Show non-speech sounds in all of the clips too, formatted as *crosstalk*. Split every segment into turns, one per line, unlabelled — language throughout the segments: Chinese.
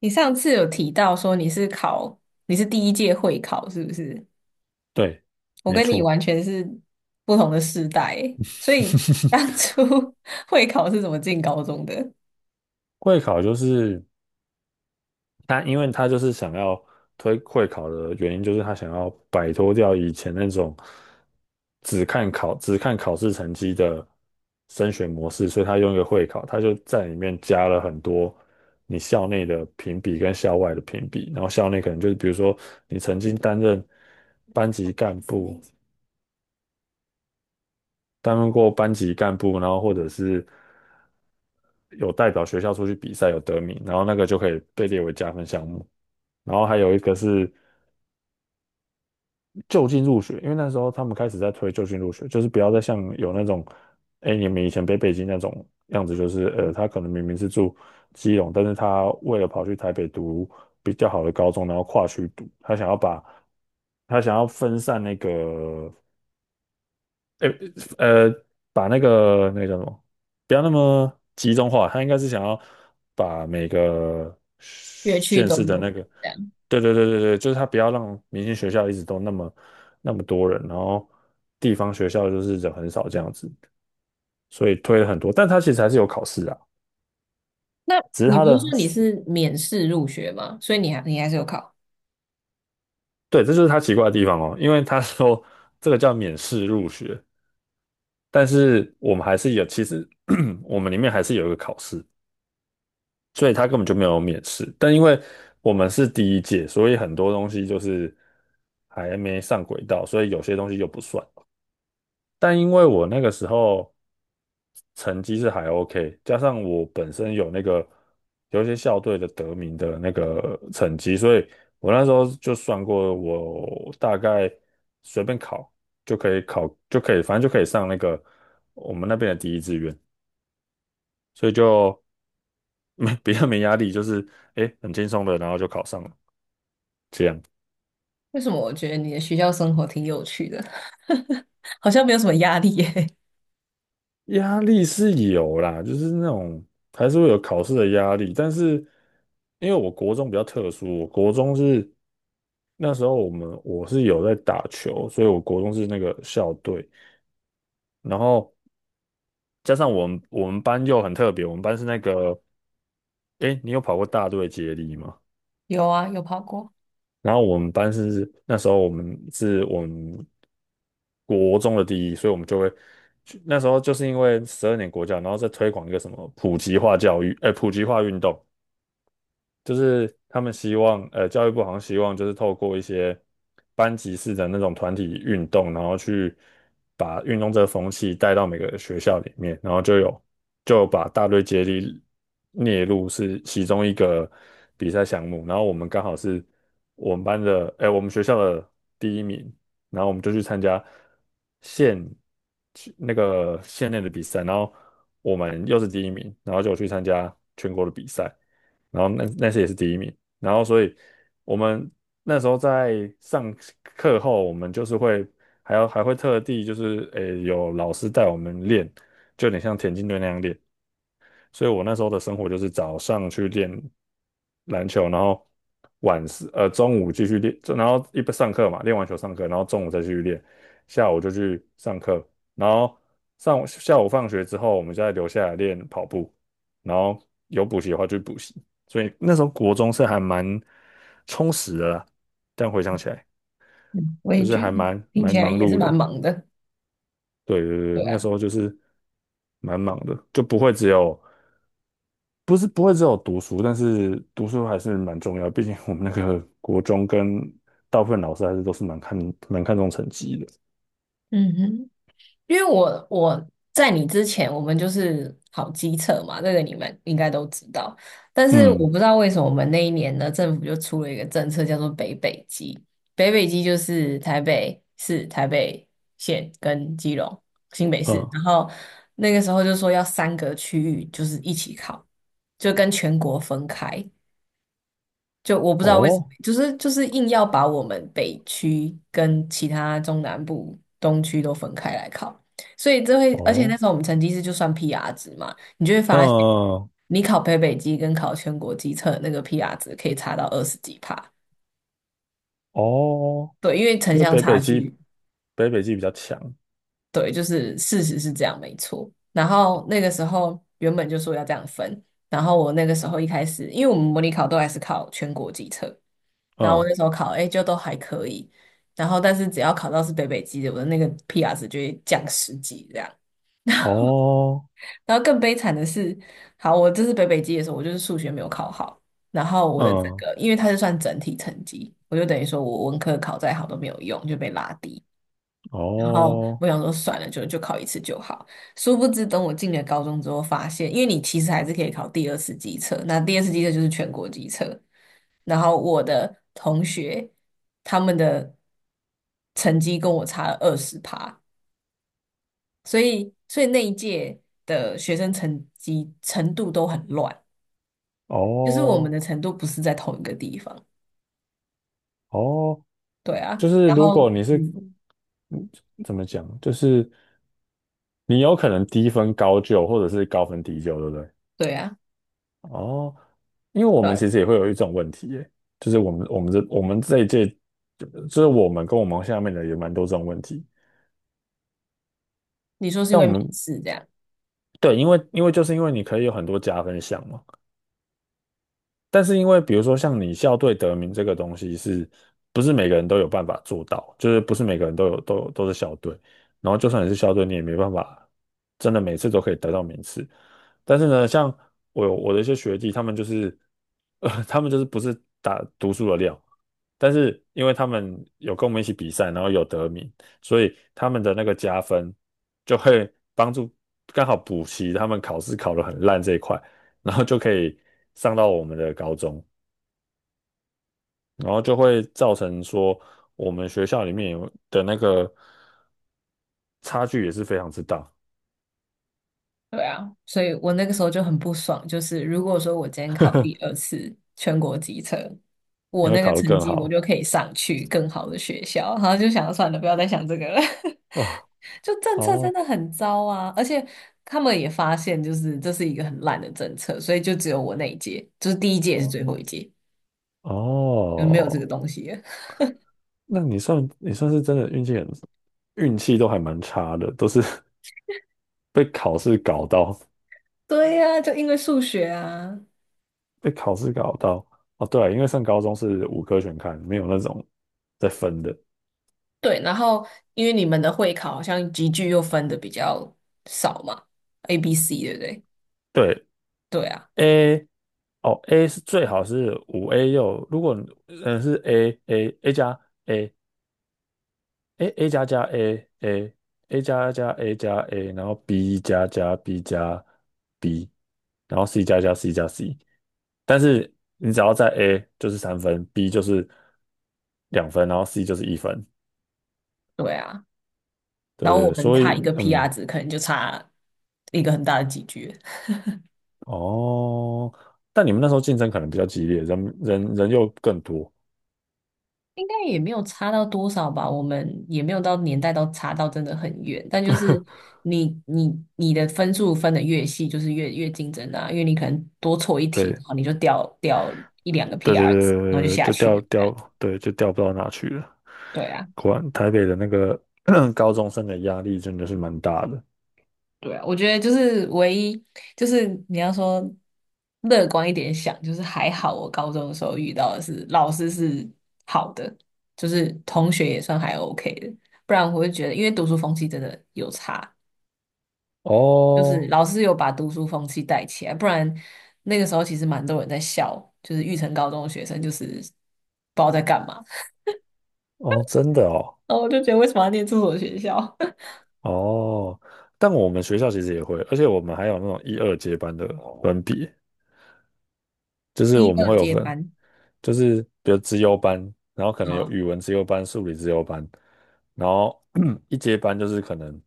你上次有提到说你是第一届会考，是不是？
对，
我
没
跟你
错，
完全是不同的世代欸，所以当初 *laughs* 会考是怎么进高中的？
会考就是他，因为他就是想要推会考的原因，就是他想要摆脱掉以前那种只看考试成绩的升学模式，所以他用一个会考，他就在里面加了很多你校内的评比跟校外的评比，然后校内可能就是比如说你曾经担任班级干部，担任过班级干部，然后或者是。有代表学校出去比赛有得名，然后那个就可以被列为加分项目。然后还有一个是就近入学，因为那时候他们开始在推就近入学，就是不要再像有那种，哎，你们以前北京那种样子，就是他可能明明是住基隆，但是他为了跑去台北读比较好的高中，然后跨区读，他想要分散那个诶呃，把那个叫什么，不要那么集中化，他应该是想要把每个
乐区
县
都
市的
有
那
人
个，
这样。
对对对对对，就是他不要让明星学校一直都那么多人，然后地方学校就是人很少这样子，所以推了很多，但他其实还是有考试啊，
那
只是
你
他
不是
的，
说你是免试入学吗？所以你还是有考。
对，这就是他奇怪的地方哦，因为他说这个叫免试入学，但是我们还是有，其实 *clears throat* 我们里面还是有一个考试。所以他根本就没有免试。但因为我们是第一届，所以很多东西就是还没上轨道，所以有些东西就不算。但因为我那个时候成绩是还 OK，加上我本身有那个有一些校队的得名的那个成绩，所以我那时候就算过，我大概随便考就可以考，就可以，反正就可以上那个我们那边的第一志愿，所以就没 *laughs* 比较没压力，就是很轻松的，然后就考上了。这样
为什么我觉得你的学校生活挺有趣的，*laughs* 好像没有什么压力耶？
压力是有啦，就是那种还是会有考试的压力，但是因为我国中比较特殊，我国中是那时候我是有在打球，所以我国中是那个校队，然后加上我们班又很特别，我们班是那个，诶，你有跑过大队接力吗？
有啊，有跑过。
然后我们班是那时候我们国中的第一，所以我们就会去那时候就是因为十二年国教，然后再推广一个什么普及化教育，普及化运动，就是他们希望，教育部好像希望就是透过一些班级式的那种团体运动，然后去把运动这个风气带到每个学校里面，然后就把大队接力列入是其中一个比赛项目，然后我们刚好是我们班的，哎，我们学校的第一名，然后我们就去参加县去那个县内的比赛，然后我们又是第一名，然后就去参加全国的比赛。然后那次也是第一名，然后所以我们那时候在上课后，我们就是会还会特地就是有老师带我们练，就有点像田径队那样练，所以我那时候的生活就是早上去练篮球，然后中午继续练，就然后一边上课嘛，练完球上课，然后中午再继续练，下午就去上课，然后上下午放学之后，我们再留下来练跑步，然后有补习的话就补习，所以那时候国中是还蛮充实的啦，但回想起来
嗯，我
就
也
是
觉
还
得
蛮
听起
蛮
来
忙
也是
碌
蛮
的。
忙的。
对对对，
对
那
啊。
时候就是蛮忙的，就不会只有不是不会只有读书，但是读书还是蛮重要，毕竟我们那个国中跟大部分老师还是都是蛮看重成绩的。
嗯哼。因为我在你之前，我们就是考机测嘛，这个你们应该都知道。但是我
嗯
不知道为什么我们那一年呢，政府就出了一个政策，叫做北北基。北北基就是台北市、台北县跟基隆、新北市，
嗯，
然后那个时候就说要三个区域就是一起考，就跟全国分开。就我不知道为什么，
哦
就是硬要把我们北区跟其他中南部东区都分开来考，所以这会，而且那
哦，
时候我们成绩是就算 PR 值嘛，你就会发现，
嗯，
你考北北基跟考全国基测那个 PR 值可以差到二十几帕。
哦，
对，因为城
因为
乡差距。
北北基比较强。
对，就是事实是这样，没错。然后那个时候原本就说要这样分，然后我那个时候一开始，因为我们模拟考都还是考全国基测。然后我
嗯，
那时候考 A 就都还可以，然后但是只要考到是北北基的，我的那个 PR 值就会降十几这样。
哦，
然后更悲惨的是，好，我这次北北基的时候，我就是数学没有考好，然后我的这
嗯，
个，因为它是算整体成绩，我就等于说我文科考再好都没有用，就被拉低。然后
哦，
我想说算了，就考一次就好。殊不知，等我进了高中之后，发现因为你其实还是可以考第二次机测，那第二次机测就是全国机测。然后我的同学他们的成绩跟我差了20趴，所以那一届的学生成绩程度都很乱，就是我们
哦，
的程度不是在同一个地方。
哦，
对啊。
就是
然
如
后
果你是
嗯，
嗯怎么讲，就是你有可能低分高就，或者是高分低就，对不对？
对啊，
哦，因为我
对
们
啊，
其实也会有一种问题耶，就是我们这一届，就是我们跟我们下面的也蛮多这种问题，
你说是因
但
为
我
面
们
试这样。
对，因为你可以有很多加分项嘛。但是因为比如说像你校队得名这个东西是，不是每个人都有办法做到？就是不是每个人都有都是校队，然后就算你是校队，你也没办法真的每次都可以得到名次。但是呢，像我有我的一些学弟，他们就是不是打读书的料，但是因为他们有跟我们一起比赛，然后有得名，所以他们的那个加分就会帮助刚好补齐他们考试考得很烂这一块。然后就可以上到我们的高中，然后就会造成说我们学校里面有的那个差距也是非常之大，
对啊，所以我那个时候就很不爽，就是如果说我今天考第二次全国机测，我
你会
那个
考得
成
更
绩我
好
就可以上去更好的学校，然后就想算了，不要再想这个了。
啊？
*laughs* 就政策真
哦，
的很糟啊。而且他们也发现，就是这是一个很烂的政策，所以就只有我那一届，就是第一届也是
哦，
最后一届，就没有这个
哦，
东西了。
那你算是真的运气很，运气都还蛮差的，都是 *laughs* 被考试搞到，
*laughs* 对呀，就因为数学啊。
被考试搞到。哦，对啊，因为上高中是五科全开，没有那种在分的。
对，然后因为你们的会考好像集聚又分的比较少嘛，A、B、C,对不对？
对，
对啊。
A, 哦，A 是最好是五 A 六，如果是 A A A 加 A A A 加加 A A A 加加 A 加 A,然后 B 加加 B 加 B,然后 C 加加 C 加 C,但是你只要在 A 就是3分，B 就是2分，然后 C 就是1分，
对啊，
对
然
对
后我
对，
们
所
差
以
一个 PR
嗯，
值，可能就差一个很大的几句。*laughs*
哦，但你们那时候竞争可能比较激烈，人人人又更多，
应该也没有差到多少吧。我们也没有到年代到差到真的很远，但就是你你你的分数分的越细，就是越竞争啊，因为你可能多错一
*laughs*
题，
对。
然后你就掉一两个
对对对
PR 值，然后就
对对，
下
就
去
掉
了，这样。
掉，对，就掉不到哪去了。
对啊。
果然，台北的那个 *clears throat* 高中生的压力真的是蛮大的。
对啊，我觉得就是唯一，就是你要说乐观一点想，就是还好我高中的时候遇到的是老师是好的，就是同学也算还 OK 的，不然我会觉得，因为读书风气真的有差，就是
哦，
老师有把读书风气带起来，不然那个时候其实蛮多人在笑，就是育成高中的学生就是不知道在干嘛，
哦，真的哦，
然后我就觉得为什么要念这所学校。*laughs*
哦，但我们学校其实也会，而且我们还有那种一二阶班的分别，就是
一
我们
二
会有
接
分，
班
就是比如资优班，然后可能有
啊。
语文资优班、数理资优班，然后 *clears throat* 一阶班就是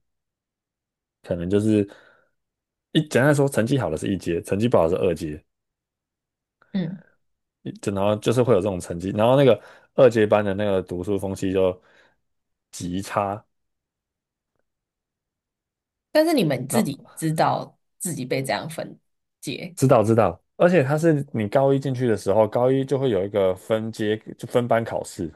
可能就是简单来说，成绩好的是一阶，成绩不好的是二阶，
嗯。
就然后就是会有这种成绩，然后那个二阶班的那个读书风气就极差。
但是你们自己
那
知道自己被这样分解，
知道知道，而且他是你高一进去的时候，高一就会有一个分阶就分班考试，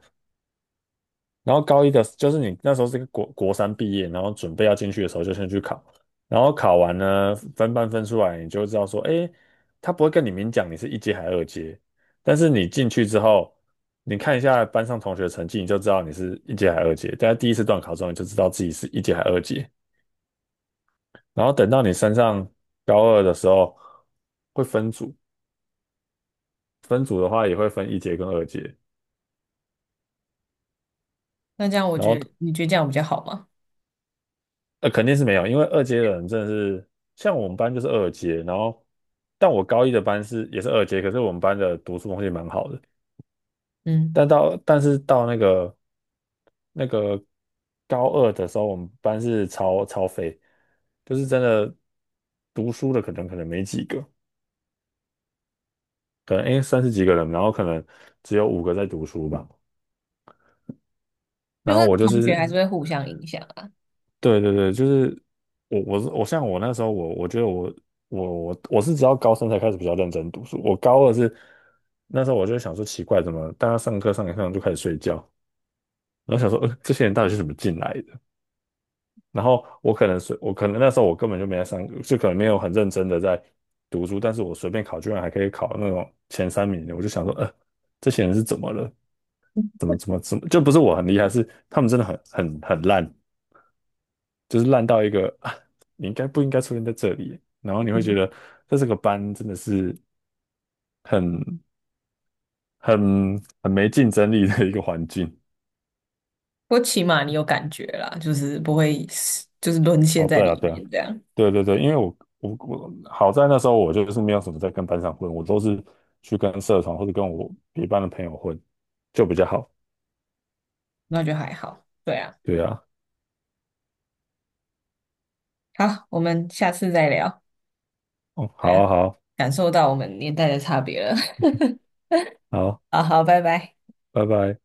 然后高一的，就是你那时候是个国三毕业，然后准备要进去的时候就先去考，然后考完呢，分班分出来，你就知道说，诶，他不会跟你明讲你是一阶还是二阶，但是你进去之后，你看一下班上同学的成绩，你就知道你是一阶还是二阶。大家第一次段考中，你就知道自己是一阶还是二阶。然后等到你升上高二的时候，会分组，分组的话也会分一阶跟二阶。
那这样我
然
觉
后
得你觉得这样比较好吗？
肯定是没有，因为二阶的人真的是，像我们班就是二阶，然后，但我高一的班是也是二阶，可是我们班的读书风气蛮好的，
嗯，
但是到那个那个高二的时候，我们班是超超废，就是真的读书的可能没几个，可能三十几个人，然后可能只有五个在读书吧，
就
然后
是
我就
同学
是
还是会互相影响啊。
对对对，就是我我是我像我那时候我我觉得我我我我是直到高三才开始比较认真读书，我高二是那时候我就想说奇怪，怎么大家上课上一上就开始睡觉，然后想说这些人到底是怎么进来的？然后我可能那时候我根本就没在上，就可能没有很认真的在读书，但是我随便考居然还可以考那种前三名的，我就想说呃这些人是怎么了？怎么怎么怎么？就不是我很厉害，是他们真的很很很烂。就是烂到一个啊你应该不应该出现在这里？然后你会觉
嗯，
得在这个班真的是很很很没竞争力的一个环境。
不过起码你有感觉啦，就是不会就是沦陷
哦，
在
对啊，
里
对啊，
面这样，
对对对，因为我好在那时候我就是没有什么在跟班上混，我都是去跟社团或者跟我别班的朋友混，就比较好。
那就还好。对啊，
对啊，
好，我们下次再聊。
哦，
对
好
啊，
啊，好啊，
感受到我们年代的差别了。
好啊，
*laughs* 好好，拜拜。
拜拜。